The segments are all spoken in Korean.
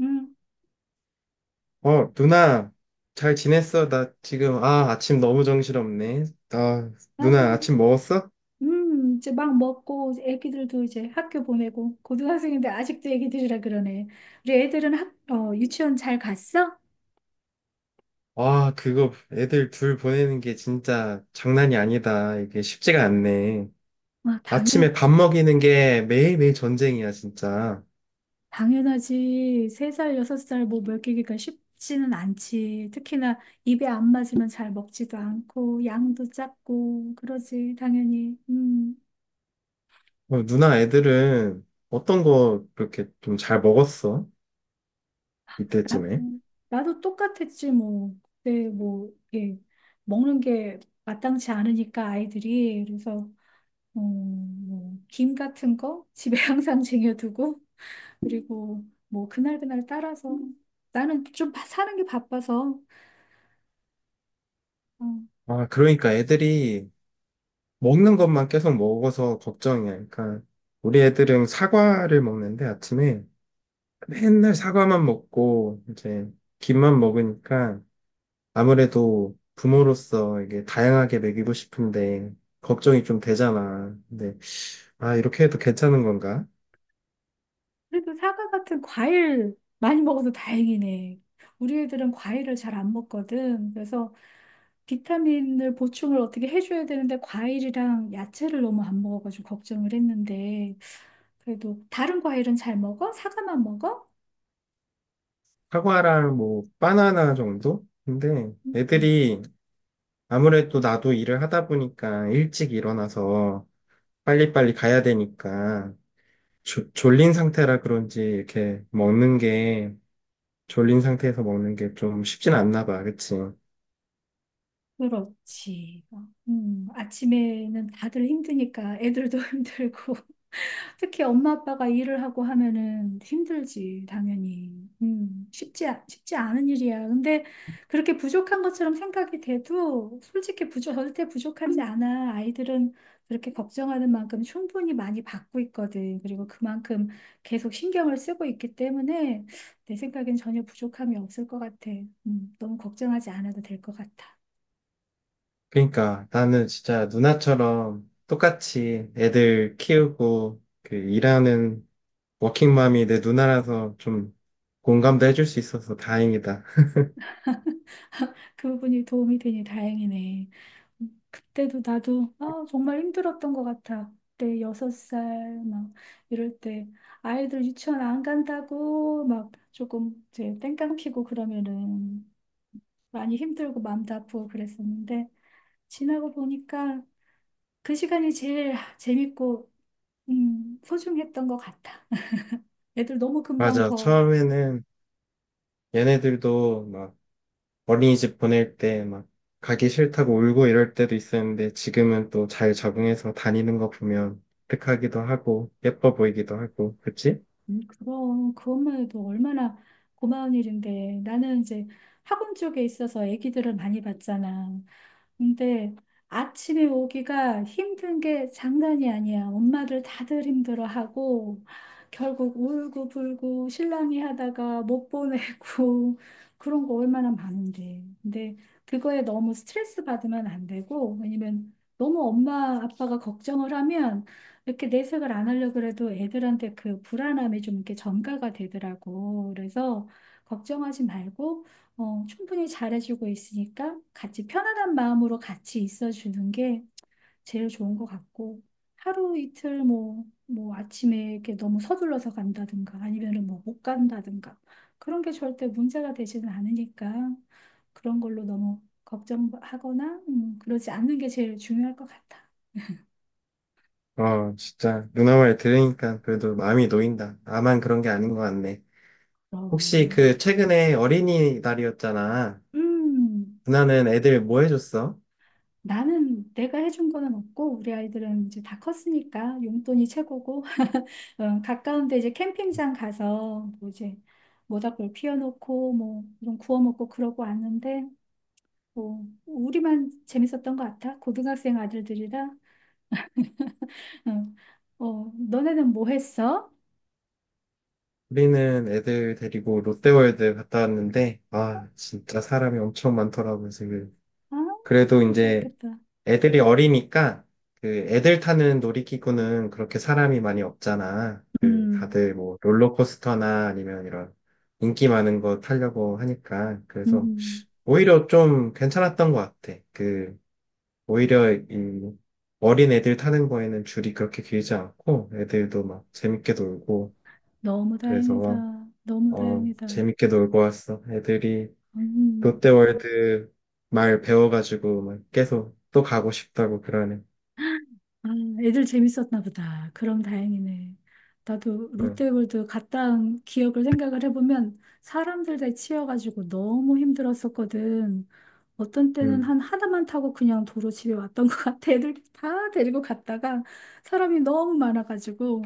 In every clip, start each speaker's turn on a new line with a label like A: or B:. A: 음.
B: 어, 누나, 잘 지냈어? 나 지금, 아, 아침 너무 정신없네. 아, 누나,
A: 아이고.
B: 아침 먹었어?
A: 이제 막 먹고, 이제 애기들도 이제 학교 보내고, 고등학생인데 아직도 애기들이라 그러네. 우리 애들은 유치원 잘 갔어?
B: 와, 그거 애들 둘 보내는 게 진짜 장난이 아니다. 이게 쉽지가 않네.
A: 아,
B: 아침에 밥
A: 당연하지.
B: 먹이는 게 매일매일 전쟁이야, 진짜.
A: 당연하지. 3살 6살 뭐 먹이기가 쉽지는 않지. 특히나 입에 안 맞으면 잘 먹지도 않고, 양도 작고, 그러지, 당연히.
B: 어, 누나 애들은 어떤 거 그렇게 좀 잘 먹었어?
A: 나도,
B: 이때쯤에?
A: 나도 똑같았지, 뭐. 그때 뭐, 예, 먹는 게 마땅치 않으니까 아이들이. 그래서 뭐, 김 같은 거 집에 항상 쟁여두고, 그리고 뭐, 그날그날 따라서, 나는 좀 사는 게 바빠서, 어,
B: 아, 그러니까 애들이 먹는 것만 계속 먹어서 걱정이야. 그러니까 우리 애들은 사과를 먹는데 아침에 맨날 사과만 먹고 이제 김만 먹으니까 아무래도 부모로서 이게 다양하게 먹이고 싶은데 걱정이 좀 되잖아. 근데 아 이렇게 해도 괜찮은 건가?
A: 그래도 사과 같은 과일 많이 먹어서 다행이네. 우리 애들은 과일을 잘 안 먹거든. 그래서 비타민을 보충을 어떻게 해줘야 되는데, 과일이랑 야채를 너무 안 먹어가지고 걱정을 했는데, 그래도 다른 과일은 잘 먹어? 사과만 먹어?
B: 사과랑 뭐 바나나 정도? 근데
A: 음, 음.
B: 애들이 아무래도 나도 일을 하다 보니까 일찍 일어나서 빨리빨리 가야 되니까 졸린 상태라 그런지 이렇게 먹는 게 졸린 상태에서 먹는 게 좀 쉽진 않나 봐. 그치?
A: 그렇지. 아침에는 다들 힘드니까 애들도 힘들고 특히 엄마 아빠가 일을 하고 하면은 힘들지 당연히. 쉽지 쉽지 않은 일이야. 근데 그렇게 부족한 것처럼 생각이 돼도 솔직히 부족 절대 부족하지 않아. 아이들은 그렇게 걱정하는 만큼 충분히 많이 받고 있거든. 그리고 그만큼 계속 신경을 쓰고 있기 때문에 내 생각엔 전혀 부족함이 없을 것 같아. 너무 걱정하지 않아도 될 것 같아.
B: 그러니까 나는 진짜 누나처럼 똑같이 애들 키우고 그 일하는 워킹맘이 내 누나라서 좀 공감도 해줄 수 있어서 다행이다.
A: 그 부분이 도움이 되니 다행이네. 그때도 나도 아, 정말 힘들었던 것 같아. 그때 6살 막 이럴 때 아이들 유치원 안 간다고 막 조금 이제 땡깡 피고 그러면은 많이 힘들고 마음도 아프고 그랬었는데 지나고 보니까 그 시간이 제일 재밌고 소중했던 것 같아. 애들 너무 금방
B: 맞아.
A: 커.
B: 처음에는 얘네들도 막 어린이집 보낼 때 막 가기 싫다고 울고 이럴 때도 있었는데 지금은 또 잘 적응해서 다니는 거 보면 뿌듯하기도 하고 예뻐 보이기도 하고 그치?
A: 그럼 그것만 해도 얼마나 고마운 일인데 나는 이제 학원 쪽에 있어서 아기들을 많이 봤잖아. 근데 아침에 오기가 힘든 게 장난이 아니야. 엄마들 다들 힘들어하고 결국 울고불고 실랑이 하다가 못 보내고 그런 거 얼마나 많은데. 근데 그거에 너무 스트레스 받으면 안 되고 왜냐면 너무 엄마 아빠가 걱정을 하면 이렇게 내색을 안 하려고 그래도 애들한테 그 불안함이 좀 이렇게 전가가 되더라고. 그래서 걱정하지 말고 충분히 잘해주고 있으니까 같이 편안한 마음으로 같이 있어주는 게 제일 좋은 것 같고 하루 이틀 뭐, 뭐 아침에 이렇게 너무 서둘러서 간다든가 아니면은 뭐 못 간다든가 그런 게 절대 문제가 되지는 않으니까 그런 걸로 너무 걱정하거나 그러지 않는 게 제일 중요할 것 같아.
B: 어, 진짜 누나 말 들으니까 그래도 마음이 놓인다. 나만 그런 게 아닌 것 같네. 혹시
A: 그럼.
B: 그 최근에 어린이날이었잖아.
A: 음.
B: 누나는 애들 뭐 해줬어?
A: 나는 내가 해준 거는 없고 우리 아이들은 이제 다 컸으니까 용돈이 최고고 가까운데 이제 캠핑장 가서 뭐 이제 모닥불 피워놓고 뭐 이런 구워 먹고 그러고 왔는데 뭐 우리만 재밌었던 것 같아 고등학생 아들들이라 너네는 뭐 했어?
B: 우리는 애들 데리고 롯데월드 갔다 왔는데, 아, 진짜 사람이 엄청 많더라고요, 지금.
A: 아,
B: 그래도 이제
A: 좋았겠다.
B: 애들이 어리니까, 그 애들 타는 놀이기구는 그렇게 사람이 많이 없잖아. 그
A: 음.
B: 다들 뭐 롤러코스터나 아니면 이런 인기 많은 거 타려고 하니까. 그래서
A: 음.
B: 오히려 좀 괜찮았던 것 같아. 그 오히려 이 어린 애들 타는 거에는 줄이 그렇게 길지 않고 애들도 막 재밌게 놀고
A: 너무 다행이다.
B: 그래서
A: 너무
B: 어
A: 다행이다.
B: 재밌게 놀고 왔어. 애들이
A: 음.
B: 롯데월드 말 배워가지고 막 계속 또 가고 싶다고 그러네.
A: 아, 애들 재밌었나 보다. 그럼 다행이네. 나도
B: 응,
A: 롯데월드 갔다 온 기억을 생각을 해보면 사람들 다 치여가지고 너무 힘들었었거든. 어떤 때는
B: 응.
A: 한 하나만 타고 그냥 도로 집에 왔던 것 같아. 애들 다 데리고 갔다가 사람이 너무 많아가지고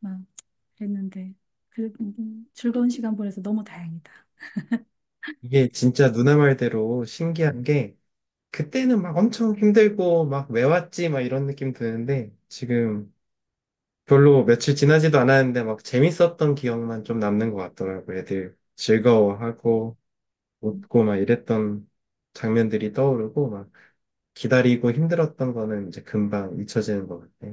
A: 막 그랬는데. 그래, 즐거운 시간 보내서 너무 다행이다.
B: 이게 진짜 누나 말대로 신기한 게 그때는 막 엄청 힘들고 막 왜 왔지 막 이런 느낌 드는데 지금 별로 며칠 지나지도 않았는데 막 재밌었던 기억만 좀 남는 것 같더라고 애들 즐거워하고 웃고 막 이랬던 장면들이 떠오르고 막 기다리고 힘들었던 거는 이제 금방 잊혀지는 것 같아.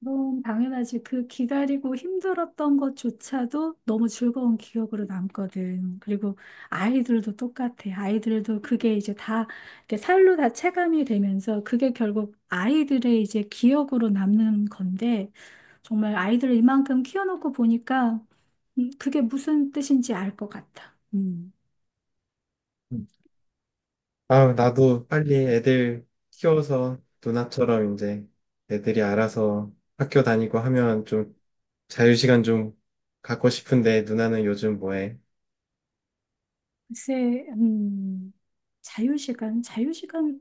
A: 너무 당연하지. 그 기다리고 힘들었던 것조차도 너무 즐거운 기억으로 남거든. 그리고 아이들도 똑같아. 아이들도 그게 이제 다 이렇게 살로 다 체감이 되면서 그게 결국 아이들의 이제 기억으로 남는 건데 정말 아이들을 이만큼 키워놓고 보니까 그게 무슨 뜻인지 알 것 같아. 음.
B: 음. 아, 나도 빨리 애들 키워서 누나처럼 이제 애들이 알아서 학교 다니고 하면 좀 자유시간 좀 갖고 싶은데 누나는 요즘 뭐해?
A: 글쎄, 자유시간, 자유시간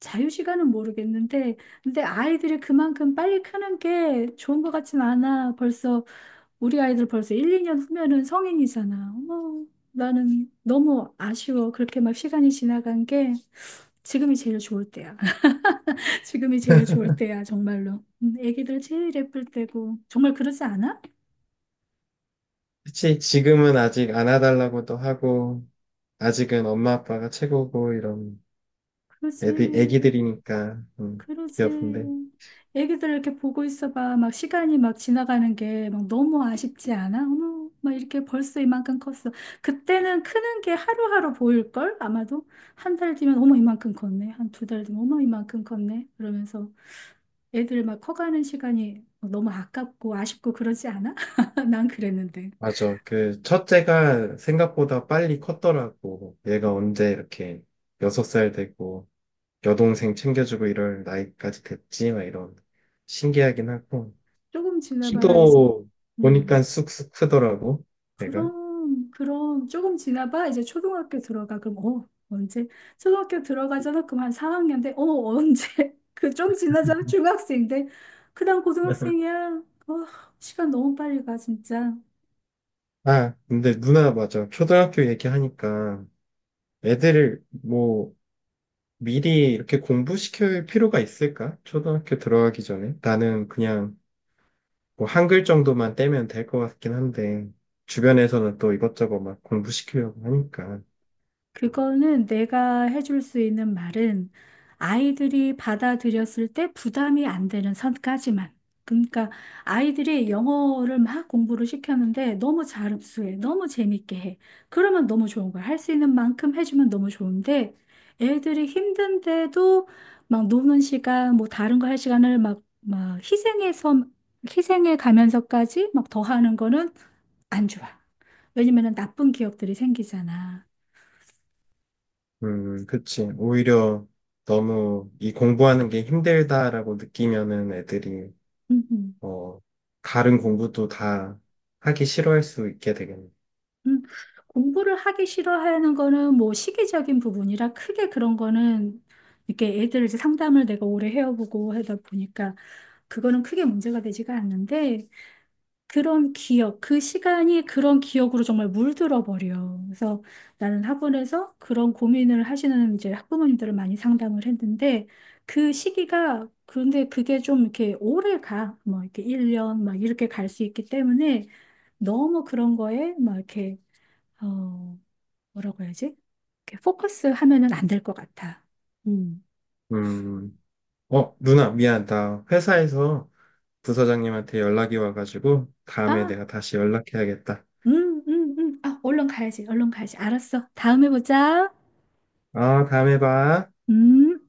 A: 자유시간은 모르겠는데, 근데 아이들이 그만큼 빨리 크는 게 좋은 것 같진 않아. 벌써, 우리 아이들 벌써 1, 2년 후면은 성인이잖아. 어머, 나는 너무 아쉬워. 그렇게 막 시간이 지나간 게 지금이 제일 좋을 때야. 지금이 제일 좋을 때야, 정말로. 애기들 제일 예쁠 때고. 정말 그러지 않아?
B: 그치, 지금은 아직 안아달라고도 하고, 아직은 엄마 아빠가 최고고 이런 애들,
A: 그러지.
B: 애기들이니까,
A: 그러지.
B: 귀여운데.
A: 애기들 이렇게 보고 있어봐. 막 시간이 막 지나가는 게 막 너무 아쉽지 않아? 어머, 막 이렇게 벌써 이만큼 컸어. 그때는 크는 게 하루하루 보일걸? 아마도 한 달 뒤면 어머 이만큼 컸네. 한 두 달 뒤면 어머 이만큼 컸네. 그러면서 애들 막 커가는 시간이 너무 아깝고 아쉽고 그러지 않아? 난 그랬는데.
B: 맞아. 그 첫째가 생각보다 빨리 컸더라고. 얘가 언제 이렇게 6살 되고 여동생 챙겨주고 이럴 나이까지 됐지? 막 이런 신기하긴 하고
A: 조금 지나봐라 이제.
B: 키도 보니까
A: 음.
B: 쑥쑥 크더라고. 얘가.
A: 그럼, 그럼, 조금 지나봐. 이제 초등학교 들어가. 그럼, 언제? 초등학교 들어가잖아. 그럼 한 4학년 돼. 언제? 그 좀 지나잖아. 중학생 돼. 그 다음 고등학생이야. 어, 시간 너무 빨리 가, 진짜.
B: 아, 근데 누나 맞아. 초등학교 얘기하니까 애들을 뭐 미리 이렇게 공부시킬 필요가 있을까? 초등학교 들어가기 전에. 나는 그냥 뭐 한 글 정도만 떼면 될 것 같긴 한데, 주변에서는 또 이것저것 막 공부시키려고 하니까.
A: 그거는 내가 해줄 수 있는 말은 아이들이 받아들였을 때 부담이 안 되는 선까지만. 그러니까 아이들이 영어를 막 공부를 시켰는데 너무 잘 흡수해, 너무 재밌게 해. 그러면 너무 좋은 거야. 할 수 있는 만큼 해주면 너무 좋은데 애들이 힘든데도 막 노는 시간, 뭐 다른 거 할 시간을 막 희생해 가면서까지 막 더 하는 거는 안 좋아. 왜냐면은 나쁜 기억들이 생기잖아.
B: 그치. 오히려 너무 이 공부하는 게 힘들다라고 느끼면은 애들이,
A: 음.
B: 어, 다른 공부도 다 하기 싫어할 수 있게 되겠네.
A: 음, 공부를 하기 싫어하는 거는 뭐 시기적인 부분이라 크게 그런 거는 이렇게 애들 이제 상담을 내가 오래 해오고 하다 보니까 그거는 크게 문제가 되지가 않는데 그런 기억, 그 시간이 그런 기억으로 정말 물들어 버려. 그래서 나는 학원에서 그런 고민을 하시는 이제 학부모님들을 많이 상담을 했는데 그 시기가 그런데 그게 좀 이렇게 오래 가. 뭐 이렇게 1년 막 이렇게 갈 수 있기 때문에 너무 그런 거에 막 이렇게 어, 뭐라고 해야지? 이렇게 포커스 하면은 안 될 것 같아. 음.
B: 음, 어, 누나, 미안. 나 회사에서 부서장님한테 연락이 와가지고, 다음에
A: 아,
B: 내가 다시 연락해야겠다.
A: 아, 얼른 가야지, 얼른 가야지. 알았어. 다음에 보자.
B: 아, 다음에 봐.
A: 음.